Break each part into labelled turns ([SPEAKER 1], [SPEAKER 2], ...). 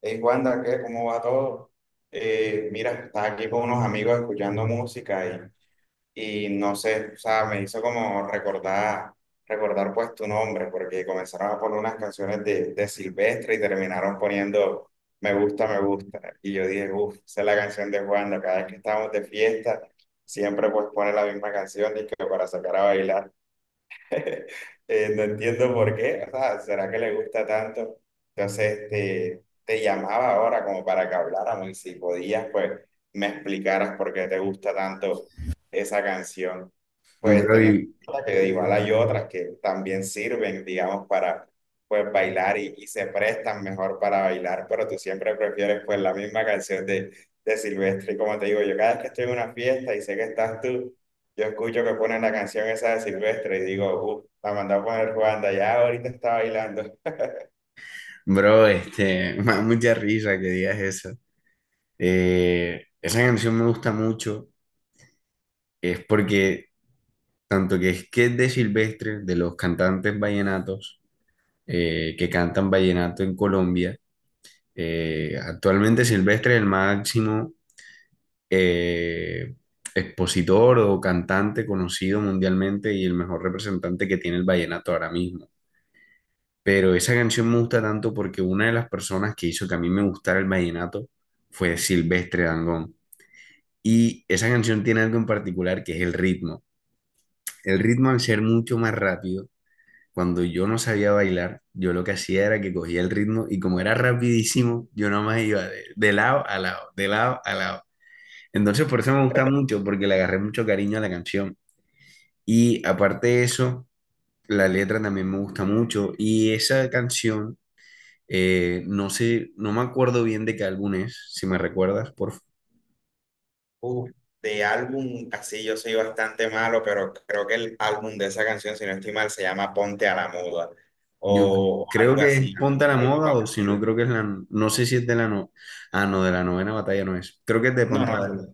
[SPEAKER 1] Hey, Wanda, ¿qué? ¿Cómo va todo? Mira, estaba aquí con unos amigos escuchando música y no sé, o sea, me hizo como recordar pues tu nombre, porque comenzaron a poner unas canciones de Silvestre y terminaron poniendo "Me gusta, me gusta". Y yo dije, uff, esa es la canción de Wanda. Cada vez que estamos de fiesta, siempre pues pone la misma canción y que para sacar a bailar. No entiendo por qué, o sea, ¿será que le gusta tanto? Entonces te llamaba ahora como para que habláramos y si podías, pues me explicaras por qué te gusta tanto esa canción. Pues
[SPEAKER 2] Bro,
[SPEAKER 1] teniendo
[SPEAKER 2] y-
[SPEAKER 1] en cuenta que igual hay otras que también sirven, digamos, para pues bailar y se prestan mejor para bailar, pero tú siempre prefieres pues la misma canción de Silvestre. Y como te digo, yo cada vez que estoy en una fiesta y sé que estás tú, yo escucho que ponen la canción esa de Silvestre y digo, uff, la mandó a poner Juanda, ya ahorita está bailando.
[SPEAKER 2] bro, me da mucha risa que digas eso. Esa canción me gusta mucho, es porque tanto que es de Silvestre, de los cantantes vallenatos, que cantan vallenato en Colombia. Actualmente Silvestre es el máximo eh, expositor o cantante conocido mundialmente y el mejor representante que tiene el vallenato ahora mismo. Pero esa canción me gusta tanto porque una de las personas que hizo que a mí me gustara el vallenato fue Silvestre Dangond. Y esa canción tiene algo en particular que es el ritmo. El ritmo al ser mucho más rápido, cuando yo no sabía bailar, yo lo que hacía era que cogía el ritmo y como era rapidísimo, yo nomás iba de lado a lado, de lado a lado. Entonces por eso me gusta mucho, porque le agarré mucho cariño a la canción. Y aparte de eso, la letra también me gusta mucho. Y esa canción... No sé, no me acuerdo bien de qué álbum es, si me recuerdas,
[SPEAKER 1] Uff, de álbum, así yo soy bastante malo, pero creo que el álbum de esa canción, si no estoy mal, se llama Ponte a la Muda
[SPEAKER 2] Yo
[SPEAKER 1] o
[SPEAKER 2] creo
[SPEAKER 1] algo
[SPEAKER 2] que
[SPEAKER 1] así,
[SPEAKER 2] es Ponte a la
[SPEAKER 1] algo
[SPEAKER 2] Moda o si no,
[SPEAKER 1] parecido.
[SPEAKER 2] creo que es la... No sé si es de la... No, ah, no, de la novena batalla no es. Creo que es de
[SPEAKER 1] No,
[SPEAKER 2] Ponte a la
[SPEAKER 1] no,
[SPEAKER 2] Moda.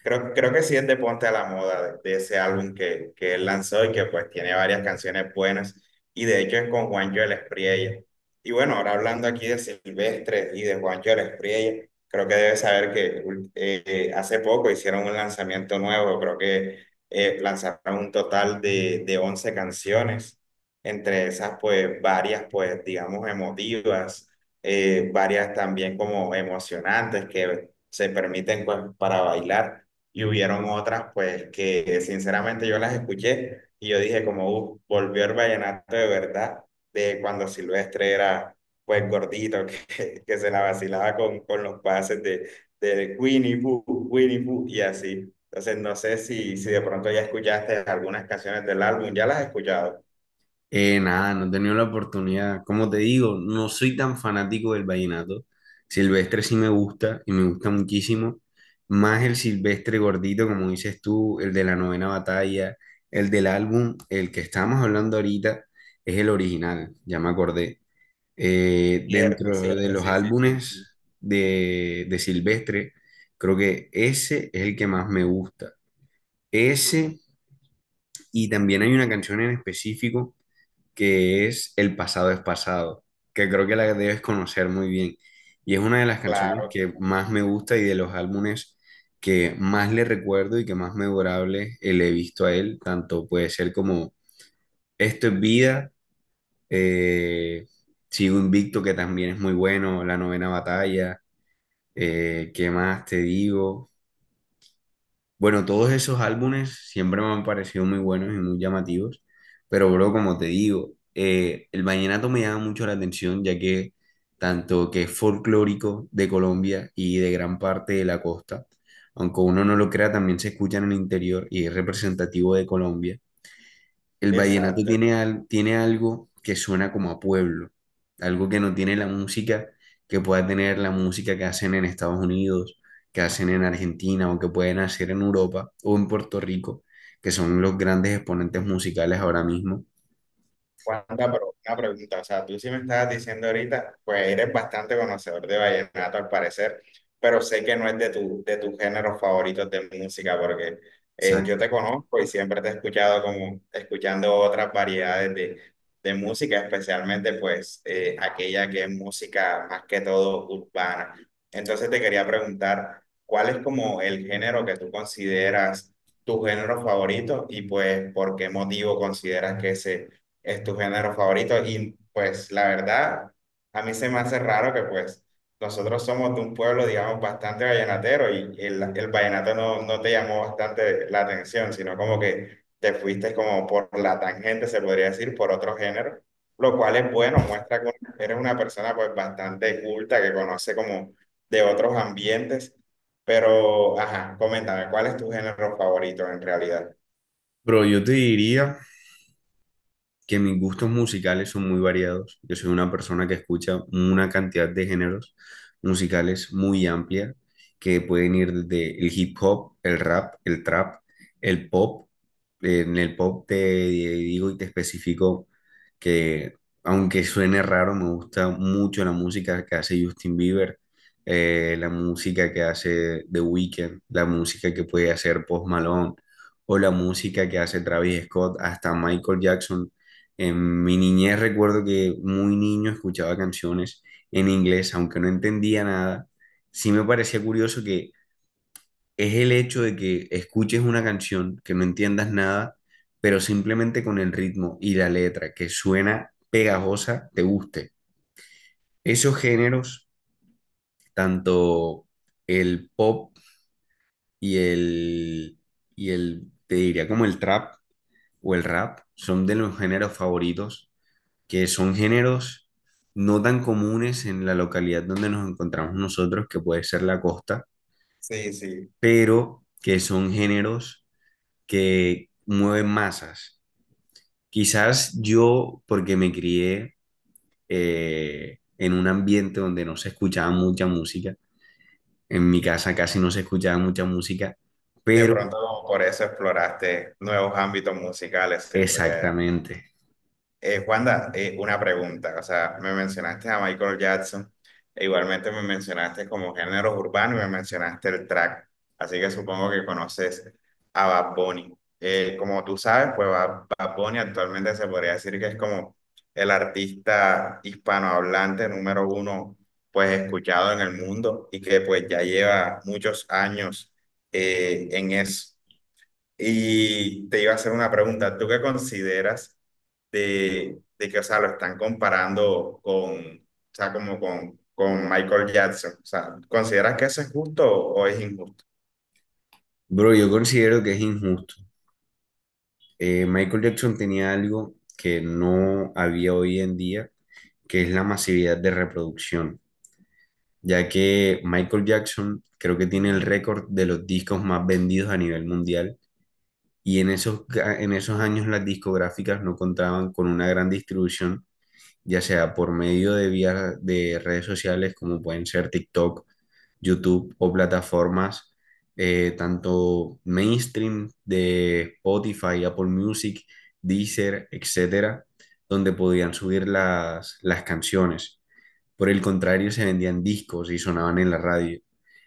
[SPEAKER 1] creo que sí es de Ponte a la Moda, de ese álbum que él lanzó y que pues tiene varias canciones buenas. Y de hecho es con Juancho el Espriella. Y bueno, ahora hablando aquí de Silvestre y de Juancho el Espriella, creo que debes saber que hace poco hicieron un lanzamiento nuevo, creo que lanzaron un total de 11 canciones. Entre esas pues varias pues digamos emotivas, varias también como emocionantes que se permiten pues para bailar y hubieron otras pues que sinceramente yo las escuché y yo dije como volvió el vallenato de verdad de cuando Silvestre era pues gordito" que se la vacilaba con los pases de Winnie Pooh, Winnie Pooh y así. Entonces no sé si de pronto ya escuchaste algunas canciones del álbum, ya las has escuchado.
[SPEAKER 2] Nada, no he tenido la oportunidad. Como te digo, no soy tan fanático del vallenato. Silvestre sí me gusta y me gusta muchísimo. Más el Silvestre gordito, como dices tú, el de la novena batalla, el del álbum, el que estábamos hablando ahorita, es el original, ya me acordé.
[SPEAKER 1] Cierto,
[SPEAKER 2] Dentro de
[SPEAKER 1] cierto,
[SPEAKER 2] los
[SPEAKER 1] sí, sí, sí, sí.
[SPEAKER 2] álbumes de Silvestre, creo que ese es el que más me gusta. Ese, y también hay una canción en específico que es El pasado es pasado, que creo que la debes conocer muy bien. Y es una de las canciones
[SPEAKER 1] Claro,
[SPEAKER 2] que más me gusta y de los álbumes que más le recuerdo y que más memorable le he visto a él, tanto puede ser como Esto es vida, eh, sigo invicto, que también es muy bueno, La Novena Batalla. ¿Qué más te digo? Bueno, todos esos álbumes siempre me han parecido muy buenos y muy llamativos, pero bro, como te digo, el vallenato me llama mucho la atención, ya que tanto que es folclórico de Colombia y de gran parte de la costa, aunque uno no lo crea, también se escucha en el interior y es representativo de Colombia. El vallenato
[SPEAKER 1] exacto.
[SPEAKER 2] tiene algo que suena como a pueblo, algo que no tiene la música que pueda tener la música que hacen en Estados Unidos, que hacen en Argentina o que pueden hacer en Europa o en Puerto Rico, que son los grandes exponentes musicales ahora mismo.
[SPEAKER 1] Juanpa, pero una pregunta, o sea, tú sí me estabas diciendo ahorita, pues eres bastante conocedor de vallenato al parecer, pero sé que no es de tu, de tus géneros favoritos de música, porque yo
[SPEAKER 2] Exacto.
[SPEAKER 1] te conozco y siempre te he escuchado como escuchando otras variedades de música, especialmente pues aquella que es música más que todo urbana. Entonces te quería preguntar, ¿cuál es como el género que tú consideras tu género favorito y pues por qué motivo consideras que ese es tu género favorito? Y pues la verdad, a mí se me hace raro que pues nosotros somos de un pueblo, digamos, bastante vallenatero y el vallenato no, no te llamó bastante la atención, sino como que te fuiste como por la tangente, se podría decir, por otro género, lo cual es bueno, muestra que eres una persona pues bastante culta, que conoce como de otros ambientes, pero, ajá, coméntame, ¿cuál es tu género favorito en realidad?
[SPEAKER 2] Pero yo te diría que mis gustos musicales son muy variados. Yo soy una persona que escucha una cantidad de géneros musicales muy amplia, que pueden ir desde el hip hop, el rap, el trap, el pop. En el pop te digo y te especifico que, aunque suene raro, me gusta mucho la música que hace Justin Bieber, la música que hace The Weeknd, la música que puede hacer Post Malone o la música que hace Travis Scott, hasta Michael Jackson. En mi niñez recuerdo que muy niño escuchaba canciones en inglés, aunque no entendía nada. Sí me parecía curioso que es el hecho de que escuches una canción, que no entiendas nada, pero simplemente con el ritmo y la letra que suena pegajosa, te guste. Esos géneros, tanto el pop y el, y el te diría como el trap o el rap, son de los géneros favoritos, que son géneros no tan comunes en la localidad donde nos encontramos nosotros, que puede ser la costa,
[SPEAKER 1] Sí, sí.
[SPEAKER 2] pero que son géneros que mueven masas. Quizás yo, porque me crié en un ambiente donde no se escuchaba mucha música, en mi casa casi no se escuchaba mucha música,
[SPEAKER 1] De
[SPEAKER 2] pero
[SPEAKER 1] pronto por eso exploraste nuevos ámbitos musicales, se podría decir.
[SPEAKER 2] exactamente.
[SPEAKER 1] Juanda, una pregunta, o sea, me mencionaste a Michael Jackson, e igualmente me mencionaste como géneros urbanos y me mencionaste el track, así que supongo que conoces a Bad Bunny. Como tú sabes, pues Bad Bunny actualmente se podría decir que es como el artista hispanohablante número uno, pues escuchado en el mundo y que pues ya lleva muchos años en eso. Y te iba a hacer una pregunta, ¿tú qué consideras de que, o sea, lo están comparando con, o sea, como con Michael Jackson? O sea, ¿consideras que eso es justo o es injusto?
[SPEAKER 2] Bro, yo considero que es injusto. Michael Jackson tenía algo que no había hoy en día, que es la masividad de reproducción, ya que Michael Jackson creo que tiene el récord de los discos más vendidos a nivel mundial y en esos, en esos años las discográficas no contaban con una gran distribución, ya sea por medio de vías de redes sociales como pueden ser TikTok, YouTube o plataformas, tanto mainstream, de Spotify, Apple Music, Deezer, etcétera, donde podían subir las canciones. Por el contrario, se vendían discos y sonaban en la radio.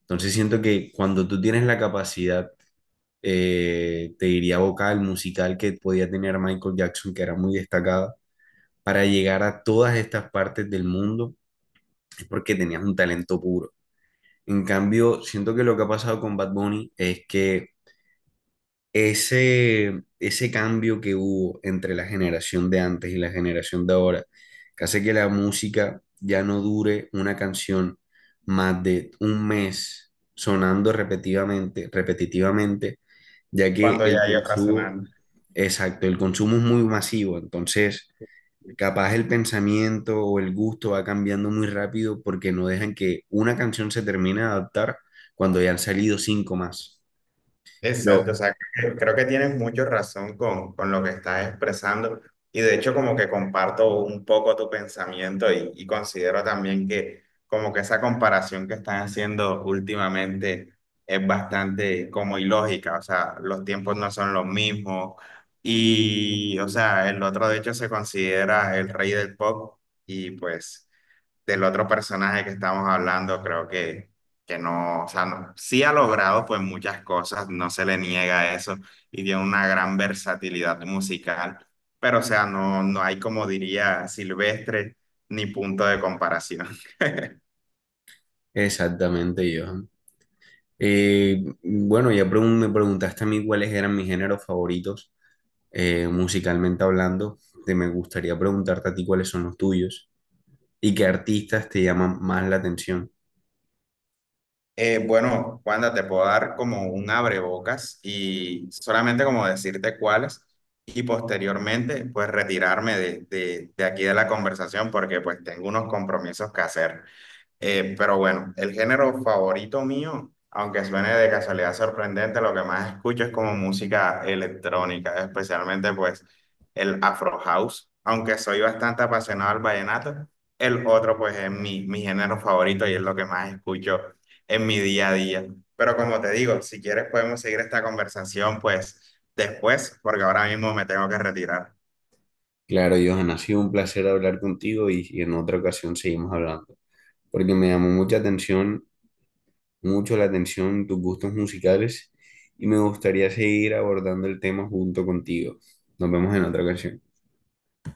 [SPEAKER 2] Entonces siento que cuando tú tienes la capacidad, te diría vocal, musical, que podía tener Michael Jackson, que era muy destacada, para llegar a todas estas partes del mundo, es porque tenías un talento puro. En cambio, siento que lo que ha pasado con Bad Bunny es que ese cambio que hubo entre la generación de antes y la generación de ahora, que hace que la música ya no dure una canción más de un mes sonando repetitivamente, repetitivamente, ya que
[SPEAKER 1] Cuando
[SPEAKER 2] el
[SPEAKER 1] ya hay otra.
[SPEAKER 2] consumo, exacto, el consumo es muy masivo, entonces capaz el pensamiento o el gusto va cambiando muy rápido porque no dejan que una canción se termine de adaptar cuando ya han salido cinco más.
[SPEAKER 1] Exacto,
[SPEAKER 2] Pero
[SPEAKER 1] o sea, creo que tienes mucho razón con lo que estás expresando, y de hecho como que comparto un poco tu pensamiento y considero también que como que esa comparación que están haciendo últimamente es bastante como ilógica, o sea, los tiempos no son los mismos y, o sea, el otro de hecho se considera el rey del pop y pues del otro personaje que estamos hablando, creo que no, o sea, no- sí ha logrado pues muchas cosas, no se le niega eso y tiene una gran versatilidad musical, pero o sea, no, no hay como diría Silvestre ni punto de comparación.
[SPEAKER 2] exactamente, yo. Bueno, ya me preguntaste a mí cuáles eran mis géneros favoritos, musicalmente hablando. Te me gustaría preguntarte a ti cuáles son los tuyos y qué artistas te llaman más la atención.
[SPEAKER 1] Bueno, Wanda, te puedo dar como un abrebocas y solamente como decirte cuáles y posteriormente pues retirarme de aquí de la conversación porque pues tengo unos compromisos que hacer. Pero bueno, el género favorito mío, aunque suene de casualidad sorprendente, lo que más escucho es como música electrónica, especialmente pues el Afro House. Aunque soy bastante apasionado al vallenato, el otro pues es mi, mi género favorito y es lo que más escucho en mi día a día. Pero como te digo, si quieres podemos seguir esta conversación pues después, porque ahora mismo me tengo que retirar.
[SPEAKER 2] Claro, Johan, ha sido un placer hablar contigo y en otra ocasión seguimos hablando, porque me llamó mucha atención, mucho la atención tus gustos musicales y me gustaría seguir abordando el tema junto contigo. Nos vemos en otra ocasión.